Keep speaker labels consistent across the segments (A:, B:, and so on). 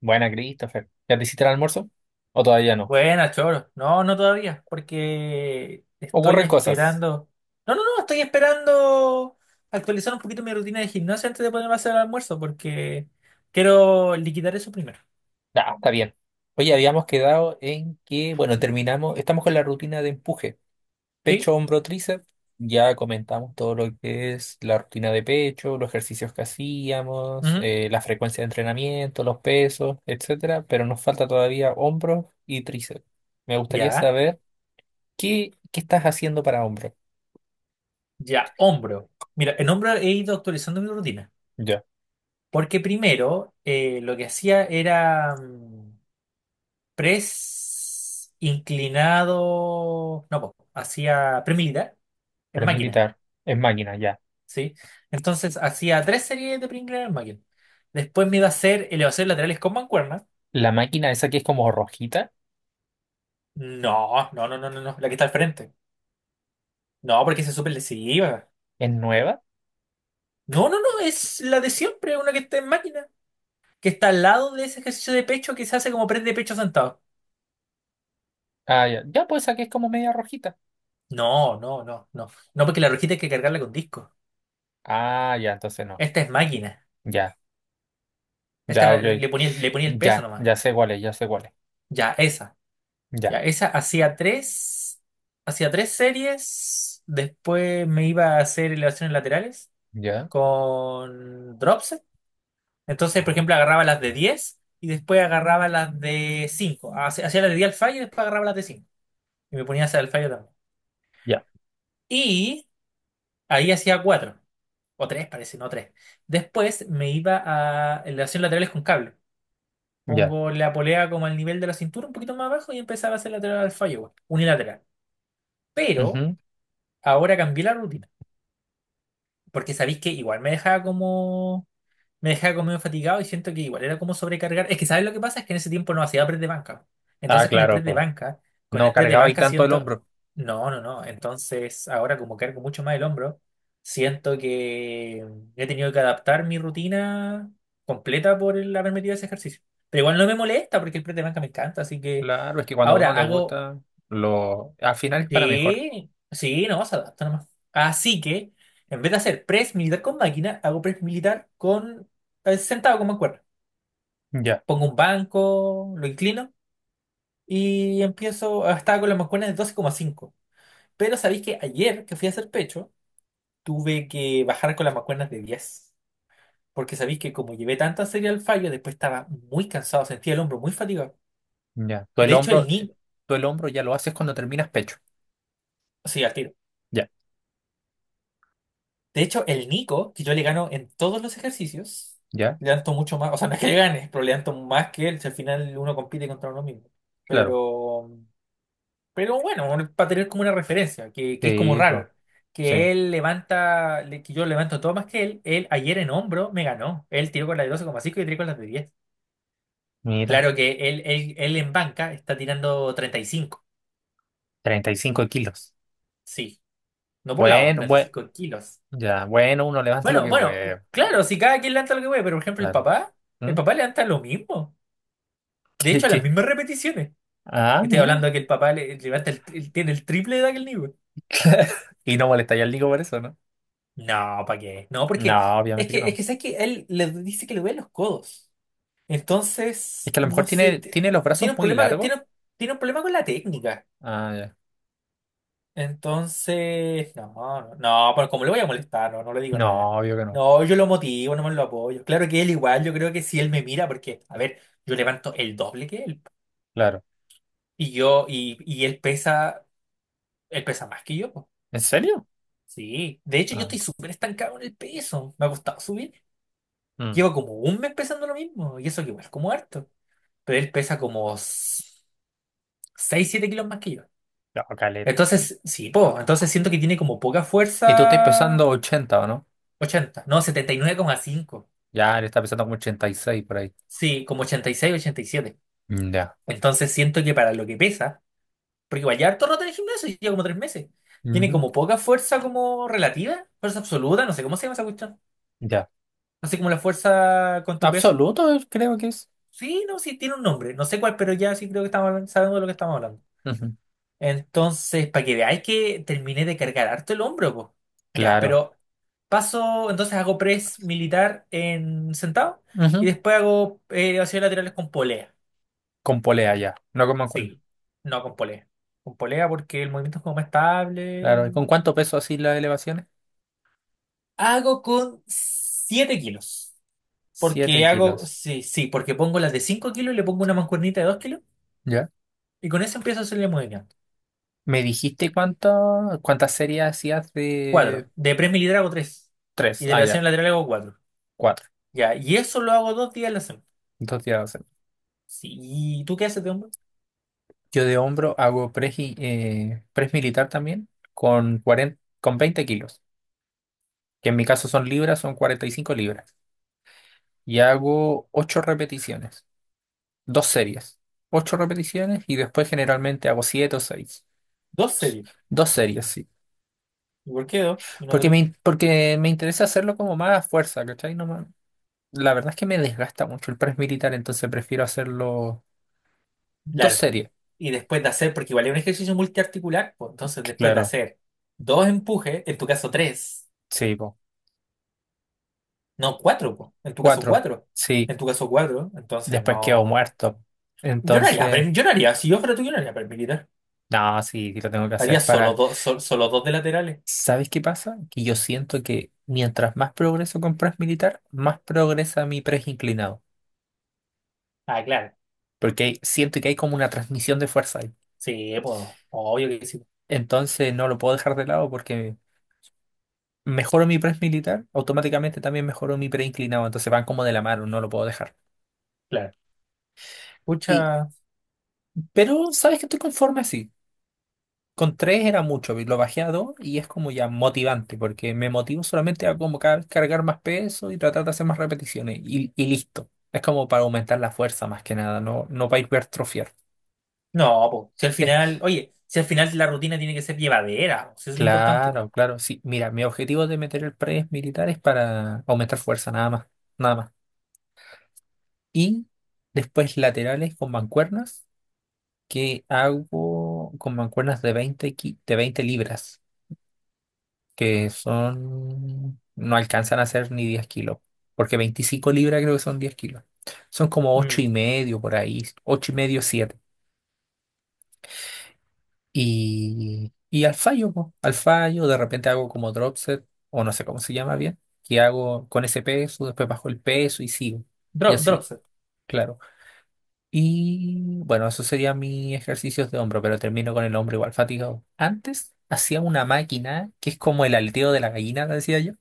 A: Buena, Christopher. ¿Ya te hiciste el almuerzo? ¿O todavía no?
B: Buena, Choro. No, no todavía, porque estoy
A: Ocurren cosas.
B: esperando. No, no, no, estoy esperando actualizar un poquito mi rutina de gimnasia antes de ponerme a hacer el almuerzo, porque quiero liquidar eso primero.
A: Ya, está bien. Oye, habíamos quedado en que, bueno, terminamos, estamos con la rutina de empuje.
B: ¿Sí?
A: Pecho, hombro, tríceps. Ya comentamos todo lo que es la rutina de pecho, los ejercicios que hacíamos,
B: Ujú.
A: la frecuencia de entrenamiento, los pesos, etcétera. Pero nos falta todavía hombro y tríceps. Me gustaría
B: Ya,
A: saber qué estás haciendo para hombro.
B: ya, hombro. Mira, en hombro he ido actualizando mi rutina,
A: Ya,
B: porque primero lo que hacía era press inclinado. No, po, hacía pre militar en
A: pero es
B: máquina.
A: militar, es máquina, ya.
B: ¿Sí? Entonces hacía tres series de Pringles en el. Después me iba a hacer elevaciones laterales con mancuernas.
A: La máquina esa que es como rojita.
B: No, no, no, no, no, no, la que está al frente. No, porque esa es súper lesiva.
A: ¿Es nueva?
B: No, no, no, es la de siempre, una que está en máquina, que está al lado de ese ejercicio de pecho que se hace como press de pecho sentado.
A: Ah, ya. Ya, pues aquí es como media rojita.
B: No, no, no, no. No, porque la rojita hay que cargarla con disco.
A: Ah, ya, entonces no.
B: Esta es máquina.
A: Ya,
B: Esta
A: ya, ok.
B: le ponía, le ponía el peso
A: Ya,
B: nomás.
A: ya sé cuál es, ya sé cuál es.
B: Ya, esa.
A: Ya,
B: Ya, esa hacía tres series. Después me iba a hacer elevaciones laterales
A: ya,
B: con dropset. Entonces, por ejemplo, agarraba las de 10 y después agarraba las de cinco. Hacía las de diez al fallo y después agarraba las de cinco y me ponía a hacer el fallo también.
A: ya,
B: Y ahí hacía cuatro. O 3 parece, no tres. Después me iba a elevaciones laterales con cable.
A: ya.
B: Pongo la polea como al nivel de la cintura, un poquito más abajo, y empezaba a hacer lateral al fallo, igual, unilateral. Pero
A: Ujú.
B: ahora cambié la rutina. Porque sabéis que igual me dejaba como medio fatigado y siento que igual era como sobrecargar. Es que, ¿sabes lo que pasa? Es que en ese tiempo no hacía press de banca.
A: Ah,
B: Entonces,
A: claro, po.
B: con
A: No
B: el press de
A: cargaba ahí
B: banca
A: tanto el
B: siento.
A: hombro.
B: No, no, no. Entonces, ahora como cargo mucho más el hombro, siento que he tenido que adaptar mi rutina completa por el haber metido ese ejercicio. Pero igual no me molesta porque el press de banca me encanta. Así que
A: Claro, es que cuando a uno
B: ahora
A: le
B: hago.
A: gusta, al final es para mejor.
B: Sí, sí, no, se adapta nomás. Así que, en vez de hacer press militar con máquina, hago press militar con sentado con mancuerna.
A: Ya,
B: Pongo un banco, lo inclino y empiezo estaba con las mancuernas de 12,5. Pero sabéis que ayer que fui a hacer pecho, tuve que bajar con las mancuernas de diez. Porque sabéis que como llevé tanta serie al fallo, después estaba muy cansado, sentía el hombro muy fatigado.
A: ya. Tú el
B: De hecho, el
A: hombro, eh,
B: niño,
A: tú el hombro ya lo haces cuando terminas pecho.
B: sí, al tiro.
A: Ya,
B: De hecho, el Nico, que yo le gano en todos los ejercicios,
A: ya,
B: le danto mucho más, o sea, no es que le gane, pero le danto más que él, si al final uno compite contra uno mismo.
A: claro.
B: Pero, pero bueno, para tener como una referencia, que es como
A: Sí, po.
B: raro,
A: Sí.
B: que él levanta, que yo levanto todo más que él ayer en hombro me ganó, él tiró con la de 12,5 y yo tiré con las de 10.
A: Mira,
B: Claro que él en banca está tirando 35.
A: 35 kilos.
B: Sí, no por lado,
A: Bueno,
B: treinta y
A: bueno,
B: cinco kilos.
A: ya, bueno, uno levanta lo
B: Bueno,
A: que
B: bueno,
A: puede.
B: claro, si cada quien levanta lo que puede, pero por ejemplo
A: Claro.
B: el
A: ¿Mm?
B: papá levanta lo mismo. De
A: ¿Y
B: hecho, las
A: qué?
B: mismas repeticiones.
A: Ah,
B: Estoy hablando
A: mira.
B: de que levanta tiene el triple de aquel niño.
A: Y no molestaría al Nico por eso, ¿no?
B: No, ¿para qué? No, porque
A: No, obviamente que
B: es
A: no.
B: que sabes que él le dice que le duelen los codos.
A: Es
B: Entonces,
A: que a lo mejor
B: no sé,
A: tiene, tiene los brazos
B: tiene un
A: muy
B: problema,
A: largos.
B: tiene, tiene un problema con la técnica.
A: Ah, ya.
B: Entonces, no, no, no, pero como le voy a molestar, no, no le digo
A: No,
B: nada.
A: obvio que no.
B: No, yo lo motivo, no me lo apoyo. Claro que él igual, yo creo que si él me mira, porque, a ver, yo levanto el doble que él.
A: Claro.
B: Y él pesa más que yo, po.
A: ¿En serio?
B: Sí. De hecho, yo
A: Ah,
B: estoy súper estancado en el peso. Me ha costado subir.
A: mm,
B: Llevo como un mes pesando lo mismo. Y eso que igual es como harto. Pero él pesa como seis, 7 kilos más que yo.
A: no, caleta.
B: Entonces, sí, po, entonces siento que tiene como poca
A: Y tú estás
B: fuerza.
A: pesando 80, ¿o no?
B: 80 no, 79,5.
A: Ya, él está pesando como 86 por ahí.
B: Sí, como 86, 87.
A: Mm, ya.
B: Entonces siento que para lo que pesa, porque igual ya harto rato en el gimnasio, lleva como 3 meses. Tiene
A: Ujú,
B: como poca fuerza como relativa, fuerza absoluta, no sé cómo se llama esa cuestión.
A: ya.
B: No sé como la fuerza con tu peso.
A: Absoluto, creo que es.
B: Sí, no, sí, tiene un nombre, no sé cuál, pero ya sí creo que estamos hablando, sabemos de lo que estamos hablando.
A: Ujú,
B: Entonces, para que veáis que terminé de cargar harto el hombro, pues. Ya,
A: claro.
B: pero paso, entonces hago press militar en sentado y
A: Ujú,
B: después hago acciones laterales con polea.
A: con polea ya. No como cuerno.
B: Sí, no con polea. Con polea porque el movimiento es como más estable.
A: Claro. ¿Y con cuánto peso así las elevaciones?
B: Hago con 7 kilos.
A: 7
B: Porque hago,
A: kilos.
B: sí, sí, porque pongo las de 5 kilos, y le pongo una mancuernita de 2 kilos
A: Ya.
B: y con eso empiezo a hacerle movimiento.
A: Me dijiste cuántas series hacías
B: Cuatro.
A: de
B: De press militar hago tres.
A: tres.
B: Y de
A: Ah,
B: elevación
A: ya,
B: lateral hago cuatro.
A: cuatro.
B: Ya, y eso lo hago 2 días a la semana.
A: 2 días de hacer.
B: Sí, ¿y tú qué haces de hombro?
A: Yo de hombro hago press militar también con 40, con 20 kilos, que en mi caso son libras, son 45 libras. Y hago ocho repeticiones, dos series. Ocho repeticiones y después generalmente hago siete o seis.
B: Dos series.
A: Dos series, sí.
B: ¿Y por qué dos? Y no
A: Porque
B: tres.
A: me, in- porque me interesa hacerlo como más a fuerza, ¿cachai? No, me- La verdad es que me desgasta mucho el press militar, entonces prefiero hacerlo. Dos
B: Claro.
A: series,
B: Y después de hacer, porque igual es un ejercicio multiarticular, pues, entonces después de
A: claro,
B: hacer dos empujes, en tu caso tres.
A: sí, po.
B: No, cuatro, po. En tu caso,
A: Cuatro,
B: cuatro.
A: sí.
B: En tu caso, cuatro. Entonces,
A: Después quedó
B: no.
A: muerto.
B: Yo no haría,
A: Entonces,
B: yo no haría, si yo fuera tú, yo no haría paramilitar.
A: no, sí, sí lo tengo que
B: Haría
A: hacer
B: solo
A: para.
B: dos, solo dos de laterales.
A: ¿Sabes qué pasa? Que yo siento que mientras más progreso con press militar, más progresa mi press inclinado.
B: Ah, claro.
A: Porque siento que hay como una transmisión de fuerza ahí.
B: Sí, pues, obvio que sí.
A: Entonces no lo puedo dejar de lado porque mejoro mi press militar, automáticamente también mejoro mi pre inclinado. Entonces van como de la mano, no lo puedo dejar.
B: Claro.
A: Y,
B: Pucha.
A: pero, ¿sabes que estoy conforme así? Con tres era mucho, lo bajé a dos y es como ya motivante, porque me motivo solamente a como cargar más peso y tratar de hacer más repeticiones y listo. Es como para aumentar la fuerza más que nada, no para hipertrofiar.
B: No, pues, si al
A: Eh,
B: final, oye, si al final la rutina tiene que ser llevadera, po, si eso es lo importante.
A: claro, claro, sí. Mira, mi objetivo de meter el press militar es para aumentar fuerza, nada más, nada más. Y después laterales con mancuernas, que hago con mancuernas de 20 libras. Que son, no alcanzan a ser ni 10 kilos, porque 25 libras creo que son 10 kilos. Son como 8 y
B: Mm.
A: medio por ahí, 8 y medio, siete. Y al fallo, po, al fallo, de repente hago como drop set, o no sé cómo se llama bien, que hago con ese peso, después bajo el peso y sigo. Y
B: Drop
A: así,
B: set.
A: claro. Y bueno, eso serían mis ejercicios de hombro, pero termino con el hombro igual fatigado. Antes hacía una máquina que es como el aleteo de la gallina, la decía yo,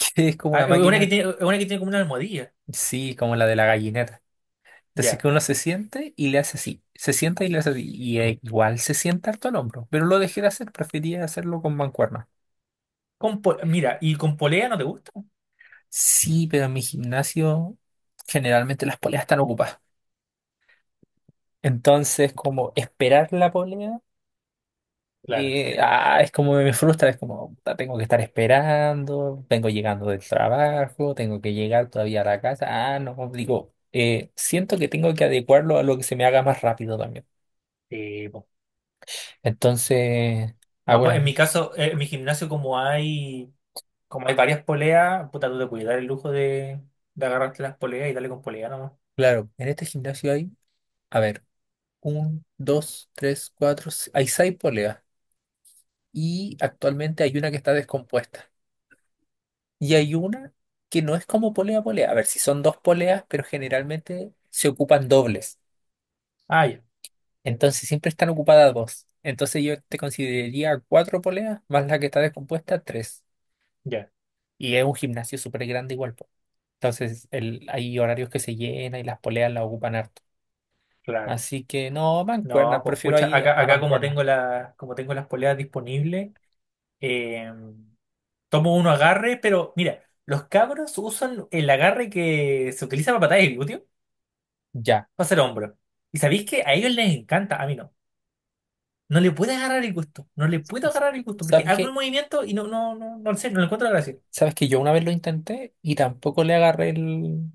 A: que es como
B: Ah,
A: una máquina.
B: es una que tiene como una almohadilla.
A: Sí, como la de la gallineta. Entonces
B: Ya.
A: que uno se siente y le hace así. Se sienta y le hace así. Y igual se sienta harto el hombro. Pero lo dejé de hacer, prefería hacerlo con mancuerna.
B: Mira, ¿y con polea no te gusta?
A: Sí, pero en mi gimnasio generalmente las poleas están ocupadas. Entonces, como esperar la polea,
B: Claro.
A: es como me frustra, es como puta, tengo que estar esperando, vengo llegando del trabajo, tengo que llegar todavía a la casa. Ah, no, digo, siento que tengo que adecuarlo a lo que se me haga más rápido también.
B: Sí, po.
A: Entonces,
B: No, pues,
A: ahora,
B: en mi caso, en mi gimnasio como hay. Como hay varias poleas, puta, tú te puedes dar el lujo de agarrarte las poleas y darle con polea nomás.
A: claro, en este gimnasio hay, a ver, un, dos, tres, cuatro, hay seis poleas y actualmente hay una que está descompuesta y hay una que no es como polea polea. A ver, si son dos poleas, pero generalmente se ocupan dobles.
B: Ah, ya,
A: Entonces siempre están ocupadas dos. Entonces yo te consideraría cuatro poleas más la que está descompuesta, tres.
B: ya,
A: Y es un gimnasio súper grande igual, po. Entonces hay horarios que se llena y las poleas las ocupan harto.
B: claro.
A: Así que no,
B: No,
A: mancuerna,
B: pues
A: prefiero
B: pucha,
A: ahí a
B: acá como
A: mancuerna.
B: tengo como tengo las poleas disponibles, eh, tomo uno agarre, pero mira, los cabros usan el agarre que se utiliza para patadas de glúteo,
A: Ya.
B: para hacer hombro. ¿Y sabéis que a ellos les encanta? A mí no. No le puedo agarrar el gusto, no le puedo agarrar el gusto, porque
A: ¿Sabes
B: hago el
A: qué?
B: movimiento y no, no, no, no sé, no le encuentro la gracia.
A: ¿Sabes que yo una vez lo intenté y tampoco le agarré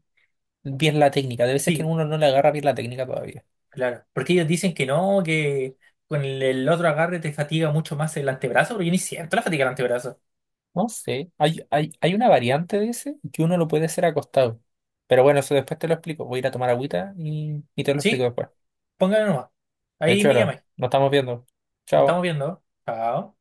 A: bien la técnica? De veces que
B: Sí.
A: uno no le agarra bien la técnica todavía.
B: Claro, porque ellos dicen que no, que con el otro agarre te fatiga mucho más el antebrazo, pero yo ni siento la fatiga del antebrazo.
A: No sé, hay una variante de ese que uno lo puede hacer acostado. Pero bueno, eso después te lo explico. Voy a ir a tomar agüita y te lo explico
B: Sí,
A: después.
B: pónganlo nomás.
A: Ya
B: Ahí me
A: choro,
B: llamáis.
A: nos estamos viendo.
B: Nos
A: Chao.
B: estamos viendo. Chao.